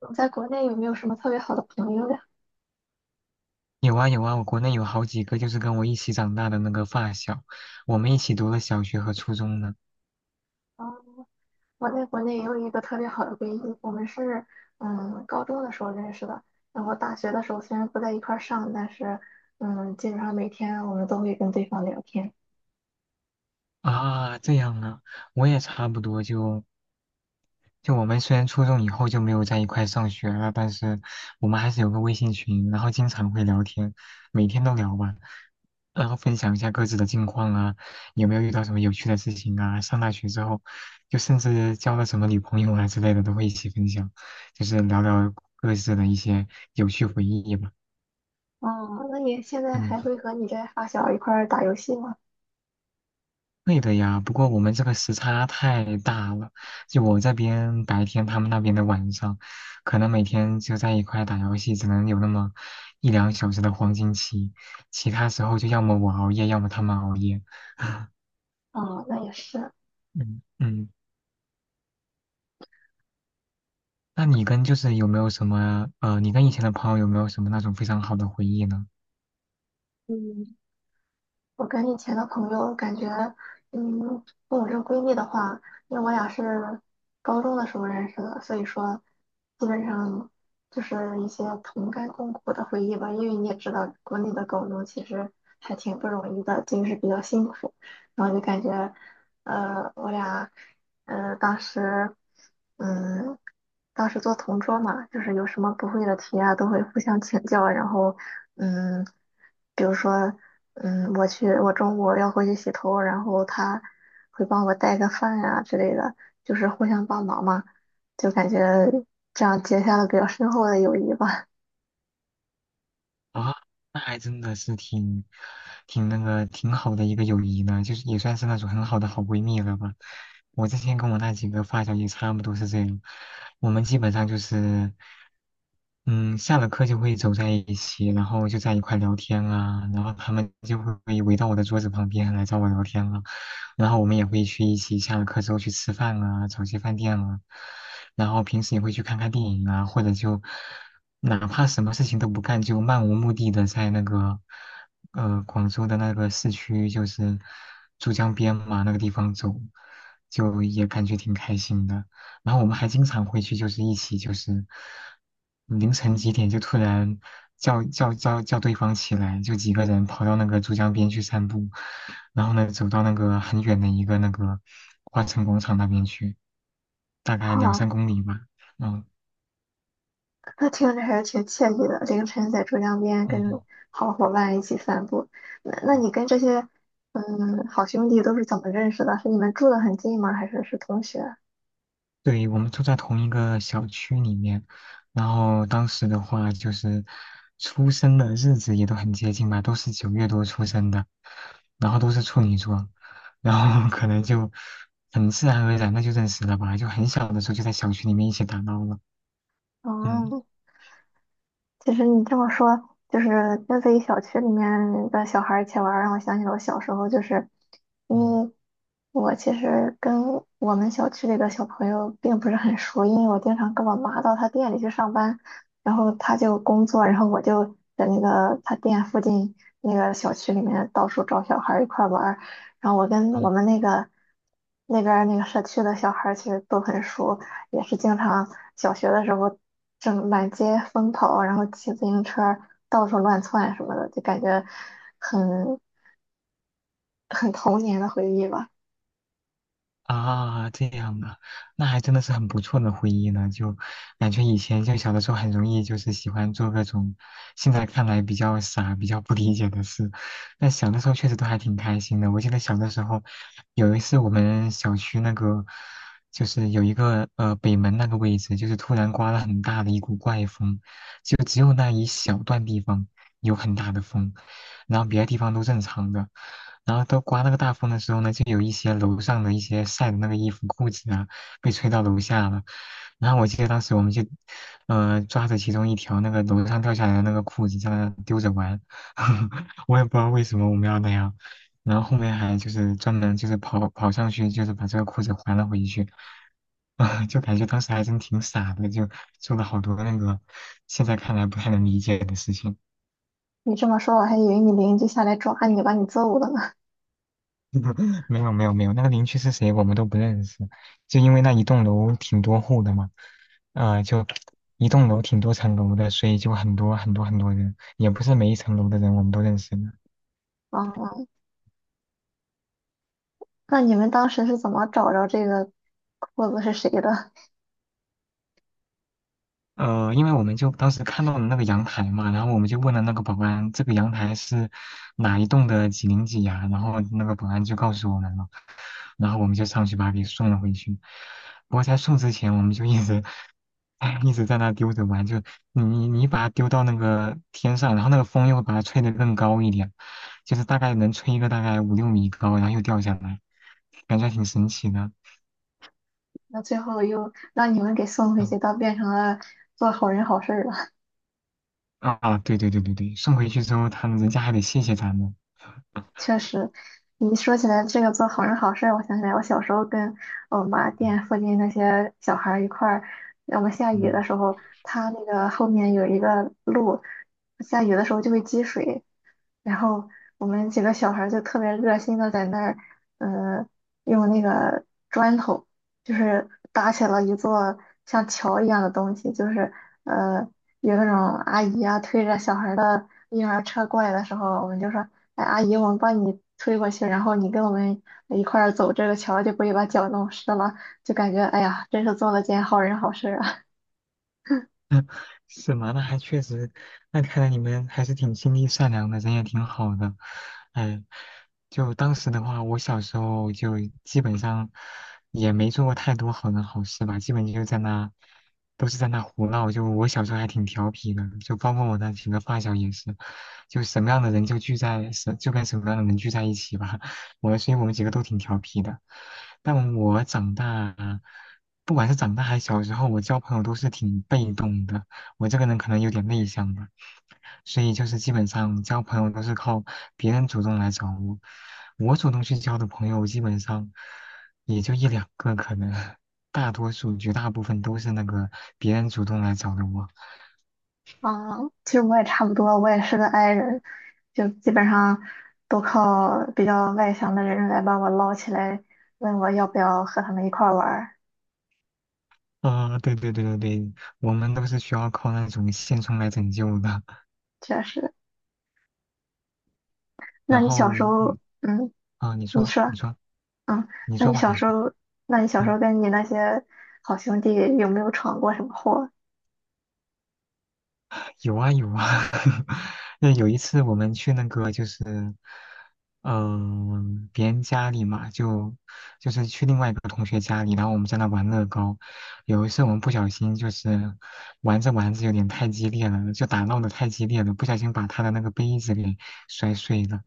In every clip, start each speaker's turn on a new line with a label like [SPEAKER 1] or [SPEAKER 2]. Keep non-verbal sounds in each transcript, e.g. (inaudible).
[SPEAKER 1] 我在国内有没有什么特别好的朋友呀？
[SPEAKER 2] 有啊有啊，我国内有好几个就是跟我一起长大的那个发小，我们一起读了小学和初中呢。
[SPEAKER 1] 嗯，我在国内也有一个特别好的闺蜜，我们是高中的时候认识的，然后大学的时候虽然不在一块儿上，但是基本上每天我们都会跟对方聊天。
[SPEAKER 2] 啊，这样啊，我也差不多就我们虽然初中以后就没有在一块上学了，但是我们还是有个微信群，然后经常会聊天，每天都聊吧，然后分享一下各自的近况啊，有没有遇到什么有趣的事情啊，上大学之后，就甚至交了什么女朋友啊之类的都会一起分享，就是聊聊各自的一些有趣回忆吧。
[SPEAKER 1] 哦，那你现在还
[SPEAKER 2] 嗯。
[SPEAKER 1] 会和你这发小一块儿打游戏吗？
[SPEAKER 2] 对的呀，不过我们这个时差太大了，就我这边白天，他们那边的晚上，可能每天就在一块打游戏，只能有那么一两小时的黄金期，其他时候就要么我熬夜，要么他们熬夜。
[SPEAKER 1] 哦，那也是。
[SPEAKER 2] 嗯嗯，那你跟就是有没有什么你跟以前的朋友有没有什么那种非常好的回忆呢？
[SPEAKER 1] 嗯，我跟以前的朋友感觉，嗯，跟我这个闺蜜的话，因为我俩是高中的时候认识的，所以说基本上就是一些同甘共苦的回忆吧。因为你也知道，国内的高中其实还挺不容易的，就是比较辛苦。然后就感觉，我俩，当时，嗯，当时做同桌嘛，就是有什么不会的题啊，都会互相请教，然后，嗯，比如说。嗯，我去，我中午要回去洗头，然后他会帮我带个饭呀、之类的，就是互相帮忙嘛，就感觉这样结下了比较深厚的友谊吧。(laughs)
[SPEAKER 2] 啊，那还真的是挺好的一个友谊呢，就是也算是那种很好的好闺蜜了吧。我之前跟我那几个发小也差不多是这样，我们基本上就是，嗯，下了课就会走在一起，然后就在一块聊天啊，然后他们就会围到我的桌子旁边来找我聊天了，然后我们也会去一起下了课之后去吃饭啊，找些饭店啊，然后平时也会去看看电影啊，或者就哪怕什么事情都不干，就漫无目的的在那个广州的那个市区，就是珠江边嘛那个地方走，就也感觉挺开心的。然后我们还经常回去，就是一起就是凌晨几点就突然叫对方起来，就几个人跑到那个珠江边去散步，然后呢走到那个很远的一个花城广场那边去，大概
[SPEAKER 1] 好
[SPEAKER 2] 两
[SPEAKER 1] 啊，
[SPEAKER 2] 三公里吧。嗯
[SPEAKER 1] 那听着还是挺惬意的，凌晨在珠江边跟
[SPEAKER 2] 嗯。
[SPEAKER 1] 好伙伴一起散步。那你跟这些好兄弟都是怎么认识的？是你们住得很近吗？还是是同学？
[SPEAKER 2] 对，我们住在同一个小区里面，然后当时的话就是出生的日子也都很接近吧，都是九月多出生的，然后都是处女座，然后 (laughs) 可能就很自然而然的就认识了吧，就很小的时候就在小区里面一起打闹了。嗯
[SPEAKER 1] 哦，其实你这么说，就是跟自己小区里面的小孩儿一起玩儿，让我想起了我小时候，就是因
[SPEAKER 2] 嗯
[SPEAKER 1] 为我其实跟我们小区里的小朋友并不是很熟，因为我经常跟我妈到她店里去上班，然后她就工作，然后我就在那个她店附近那个小区里面到处找小孩儿一块儿玩儿，然后我跟我
[SPEAKER 2] 嗯，
[SPEAKER 1] 们那个那边儿那个社区的小孩儿其实都很熟。也是经常小学的时候正满街疯跑，然后骑自行车到处乱窜什么的，就感觉很很童年的回忆吧。
[SPEAKER 2] 啊，这样啊，那还真的是很不错的回忆呢。就感觉以前就小的时候很容易就是喜欢做各种现在看来比较傻、比较不理解的事，但小的时候确实都还挺开心的。我记得小的时候有一次我们小区那个就是有一个北门那个位置，就是突然刮了很大的一股怪风，就只有那一小段地方有很大的风，然后别的地方都正常的。然后都刮那个大风的时候呢，就有一些楼上的一些晒的那个衣服、裤子啊，被吹到楼下了。然后我记得当时我们就，抓着其中一条那个楼上掉下来的那个裤子，在那丢着玩。(laughs) 我也不知道为什么我们要那样，然后后面还就是专门就是跑跑上去，就是把这个裤子还了回去，(laughs) 啊，就感觉当时还真挺傻的，就做了好多那个现在看来不太能理解的事情。
[SPEAKER 1] 你这么说，我还以为你邻居下来抓你，把你揍了呢。(laughs)
[SPEAKER 2] (laughs) 没有没有没有，那个邻居是谁我们都不认识，就因为那一栋楼挺多户的嘛，就一栋楼挺多层楼的，所以就很多很多很多人，也不是每一层楼的人我们都认识的。
[SPEAKER 1] 啊、那你们当时是怎么找着这个裤子是谁的？
[SPEAKER 2] 因为我们就当时看到了那个阳台嘛，然后我们就问了那个保安，这个阳台是哪一栋的几零几呀、然后那个保安就告诉我们了，然后我们就上去把他给送了回去。不过在送之前，我们就一直，哎，一直在那丢着玩，就你你你把它丢到那个天上，然后那个风又会把它吹得更高一点，就是大概能吹一个大概五六米高，然后又掉下来，感觉还挺神奇的。
[SPEAKER 1] 那最后又让你们给送回
[SPEAKER 2] 嗯
[SPEAKER 1] 去，倒变成了做好人好事儿了。
[SPEAKER 2] 啊，对对对对对，送回去之后，他们人家还得谢谢咱们。
[SPEAKER 1] 确实，你一说起来这个做好人好事儿，我想起来我小时候跟我妈店附近那些小孩儿一块儿，我们下雨的
[SPEAKER 2] 嗯，
[SPEAKER 1] 时候，它那个后面有一个路，下雨的时候就会积水，然后我们几个小孩儿就特别热心的在那儿，呃，用那个砖头，就是搭起了一座像桥一样的东西，就是呃，有那种阿姨啊推着小孩儿的婴儿车过来的时候，我们就说，哎，阿姨，我们帮你推过去，然后你跟我们一块儿走这个桥，就不会把脚弄湿了，就感觉哎呀，真是做了件好人好事儿啊。
[SPEAKER 2] 是吗？那还确实，那看来你们还是挺心地善良的，人也挺好的。哎，就当时的话，我小时候就基本上也没做过太多好人好事吧，基本就在那，都是在那胡闹。就我小时候还挺调皮的，就包括我那几个发小也是，就什么样的人就跟什么样的人聚在一起吧。(laughs) 我，所以我们几个都挺调皮的。但我长大，不管是长大还是小时候，我交朋友都是挺被动的。我这个人可能有点内向吧，所以就是基本上交朋友都是靠别人主动来找我，我主动去交的朋友基本上也就一两个，可能大多数绝大部分都是那个别人主动来找的我。
[SPEAKER 1] 啊，其实我也差不多，我也是个 i 人，就基本上都靠比较外向的人来把我捞起来，问我要不要和他们一块儿玩儿。
[SPEAKER 2] 啊、对对对对对，我们都是需要靠那种现充来拯救的。
[SPEAKER 1] 确实，那
[SPEAKER 2] 然
[SPEAKER 1] 你小时
[SPEAKER 2] 后，
[SPEAKER 1] 候，嗯，
[SPEAKER 2] 啊、你
[SPEAKER 1] 你
[SPEAKER 2] 说，
[SPEAKER 1] 说，
[SPEAKER 2] 你说，
[SPEAKER 1] 嗯，
[SPEAKER 2] 你
[SPEAKER 1] 那
[SPEAKER 2] 说
[SPEAKER 1] 你
[SPEAKER 2] 吧，
[SPEAKER 1] 小
[SPEAKER 2] 你
[SPEAKER 1] 时
[SPEAKER 2] 说，
[SPEAKER 1] 候，那你小时候
[SPEAKER 2] 嗯。
[SPEAKER 1] 跟你那些好兄弟有没有闯过什么祸？
[SPEAKER 2] 有啊有啊，(laughs) 那有一次我们去那个就是，嗯、别人家里嘛，就是去另外一个同学家里，然后我们在那玩乐高。有一次我们不小心就是玩着玩着有点太激烈了，就打闹的太激烈了，不小心把他的那个杯子给摔碎了。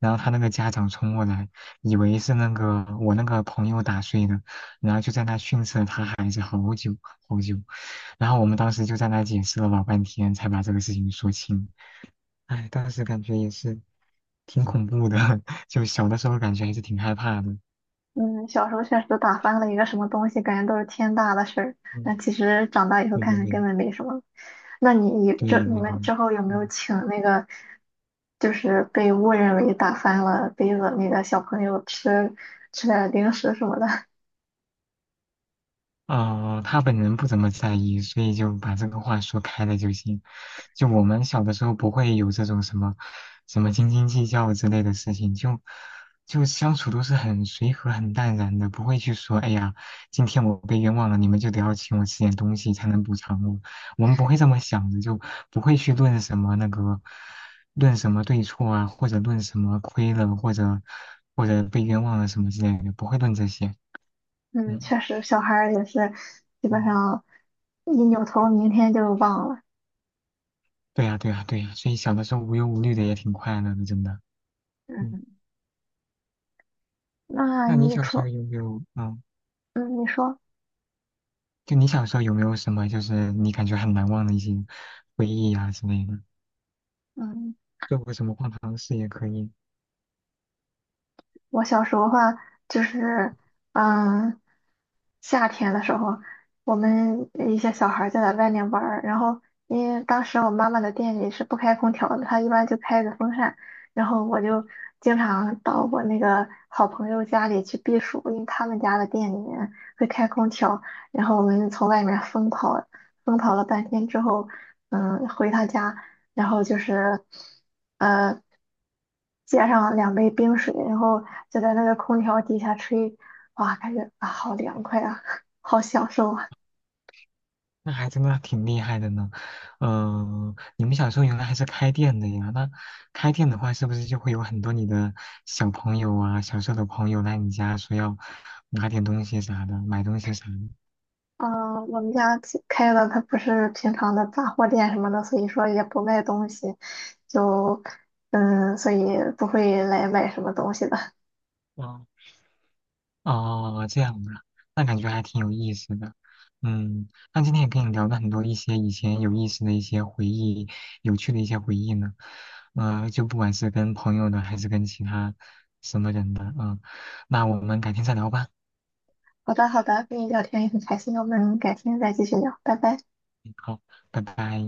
[SPEAKER 2] 然后他那个家长冲过来，以为是那个我那个朋友打碎的，然后就在那训斥了他孩子好久好久，然后我们当时就在那解释了老半天，才把这个事情说清。哎，当时感觉也是挺恐怖的，(laughs) 就小的时候感觉还是挺害怕的。
[SPEAKER 1] 嗯，小时候确实打翻了一个什么东西，感觉都是天大的事儿。但
[SPEAKER 2] 嗯，
[SPEAKER 1] 其实长大以后
[SPEAKER 2] 对
[SPEAKER 1] 看
[SPEAKER 2] 对
[SPEAKER 1] 看根
[SPEAKER 2] 对，
[SPEAKER 1] 本没什么。那你你这
[SPEAKER 2] 对
[SPEAKER 1] 你
[SPEAKER 2] 对
[SPEAKER 1] 们
[SPEAKER 2] 对，
[SPEAKER 1] 之后有没有
[SPEAKER 2] 嗯。
[SPEAKER 1] 请那个，就是被误认为打翻了杯子那个小朋友吃点儿零食什么的？
[SPEAKER 2] 他本人不怎么在意，所以就把这个话说开了就行。就我们小的时候不会有这种什么什么斤斤计较之类的事情，就相处都是很随和、很淡然的，不会去说哎呀，今天我被冤枉了，你们就得要请我吃点东西才能补偿我。我们不会这么想的，就不会去论什么对错啊，或者论什么亏了，或者被冤枉了什么之类的，不会论这些。
[SPEAKER 1] (laughs) 嗯，
[SPEAKER 2] 嗯。
[SPEAKER 1] 确实，小孩儿也是基本
[SPEAKER 2] 嗯
[SPEAKER 1] 上一扭头，明天就忘了。
[SPEAKER 2] 对呀，对呀，对呀，所以小的时候无忧无虑的也挺快乐的，真的。嗯，
[SPEAKER 1] 嗯，那
[SPEAKER 2] 那你
[SPEAKER 1] 你
[SPEAKER 2] 小时候
[SPEAKER 1] 说，
[SPEAKER 2] 有没有，
[SPEAKER 1] 嗯，你说
[SPEAKER 2] 就你小时候有没有什么，就是你感觉很难忘的一些回忆啊之类的？
[SPEAKER 1] 嗯。
[SPEAKER 2] 做过什么荒唐事也可以。
[SPEAKER 1] 我小时候的话，就是，嗯，夏天的时候，我们一些小孩儿就在外面玩儿，然后因为当时我妈妈的店里是不开空调的，她一般就开着风扇，然后我就经常到我那个好朋友家里去避暑，因为他们家的店里面会开空调，然后我们从外面疯跑，疯跑了半天之后，嗯，回他家，然后就是，呃。接上两杯冰水，然后就在那个空调底下吹，哇，感觉啊好凉快啊，(laughs) 好享受啊！
[SPEAKER 2] 那还真的挺厉害的呢。嗯，你们小时候原来还是开店的呀？那开店的话，是不是就会有很多你的小朋友啊、小时候的朋友来你家说要拿点东西啥的，买东西啥的？
[SPEAKER 1] 嗯，我们家其开的它不是平常的杂货店什么的，所以说也不卖东西，就嗯，所以不会来买什么东西的。
[SPEAKER 2] 哇哦，这样啊，那感觉还挺有意思的。嗯，那今天也跟你聊了很多一些以前有意思的一些回忆，有趣的一些回忆呢。就不管是跟朋友的，还是跟其他什么人的，嗯，那我们改天再聊吧。
[SPEAKER 1] 好的，好的，跟你聊天也很开心，我们改天再继续聊，拜拜。
[SPEAKER 2] 嗯好，拜拜。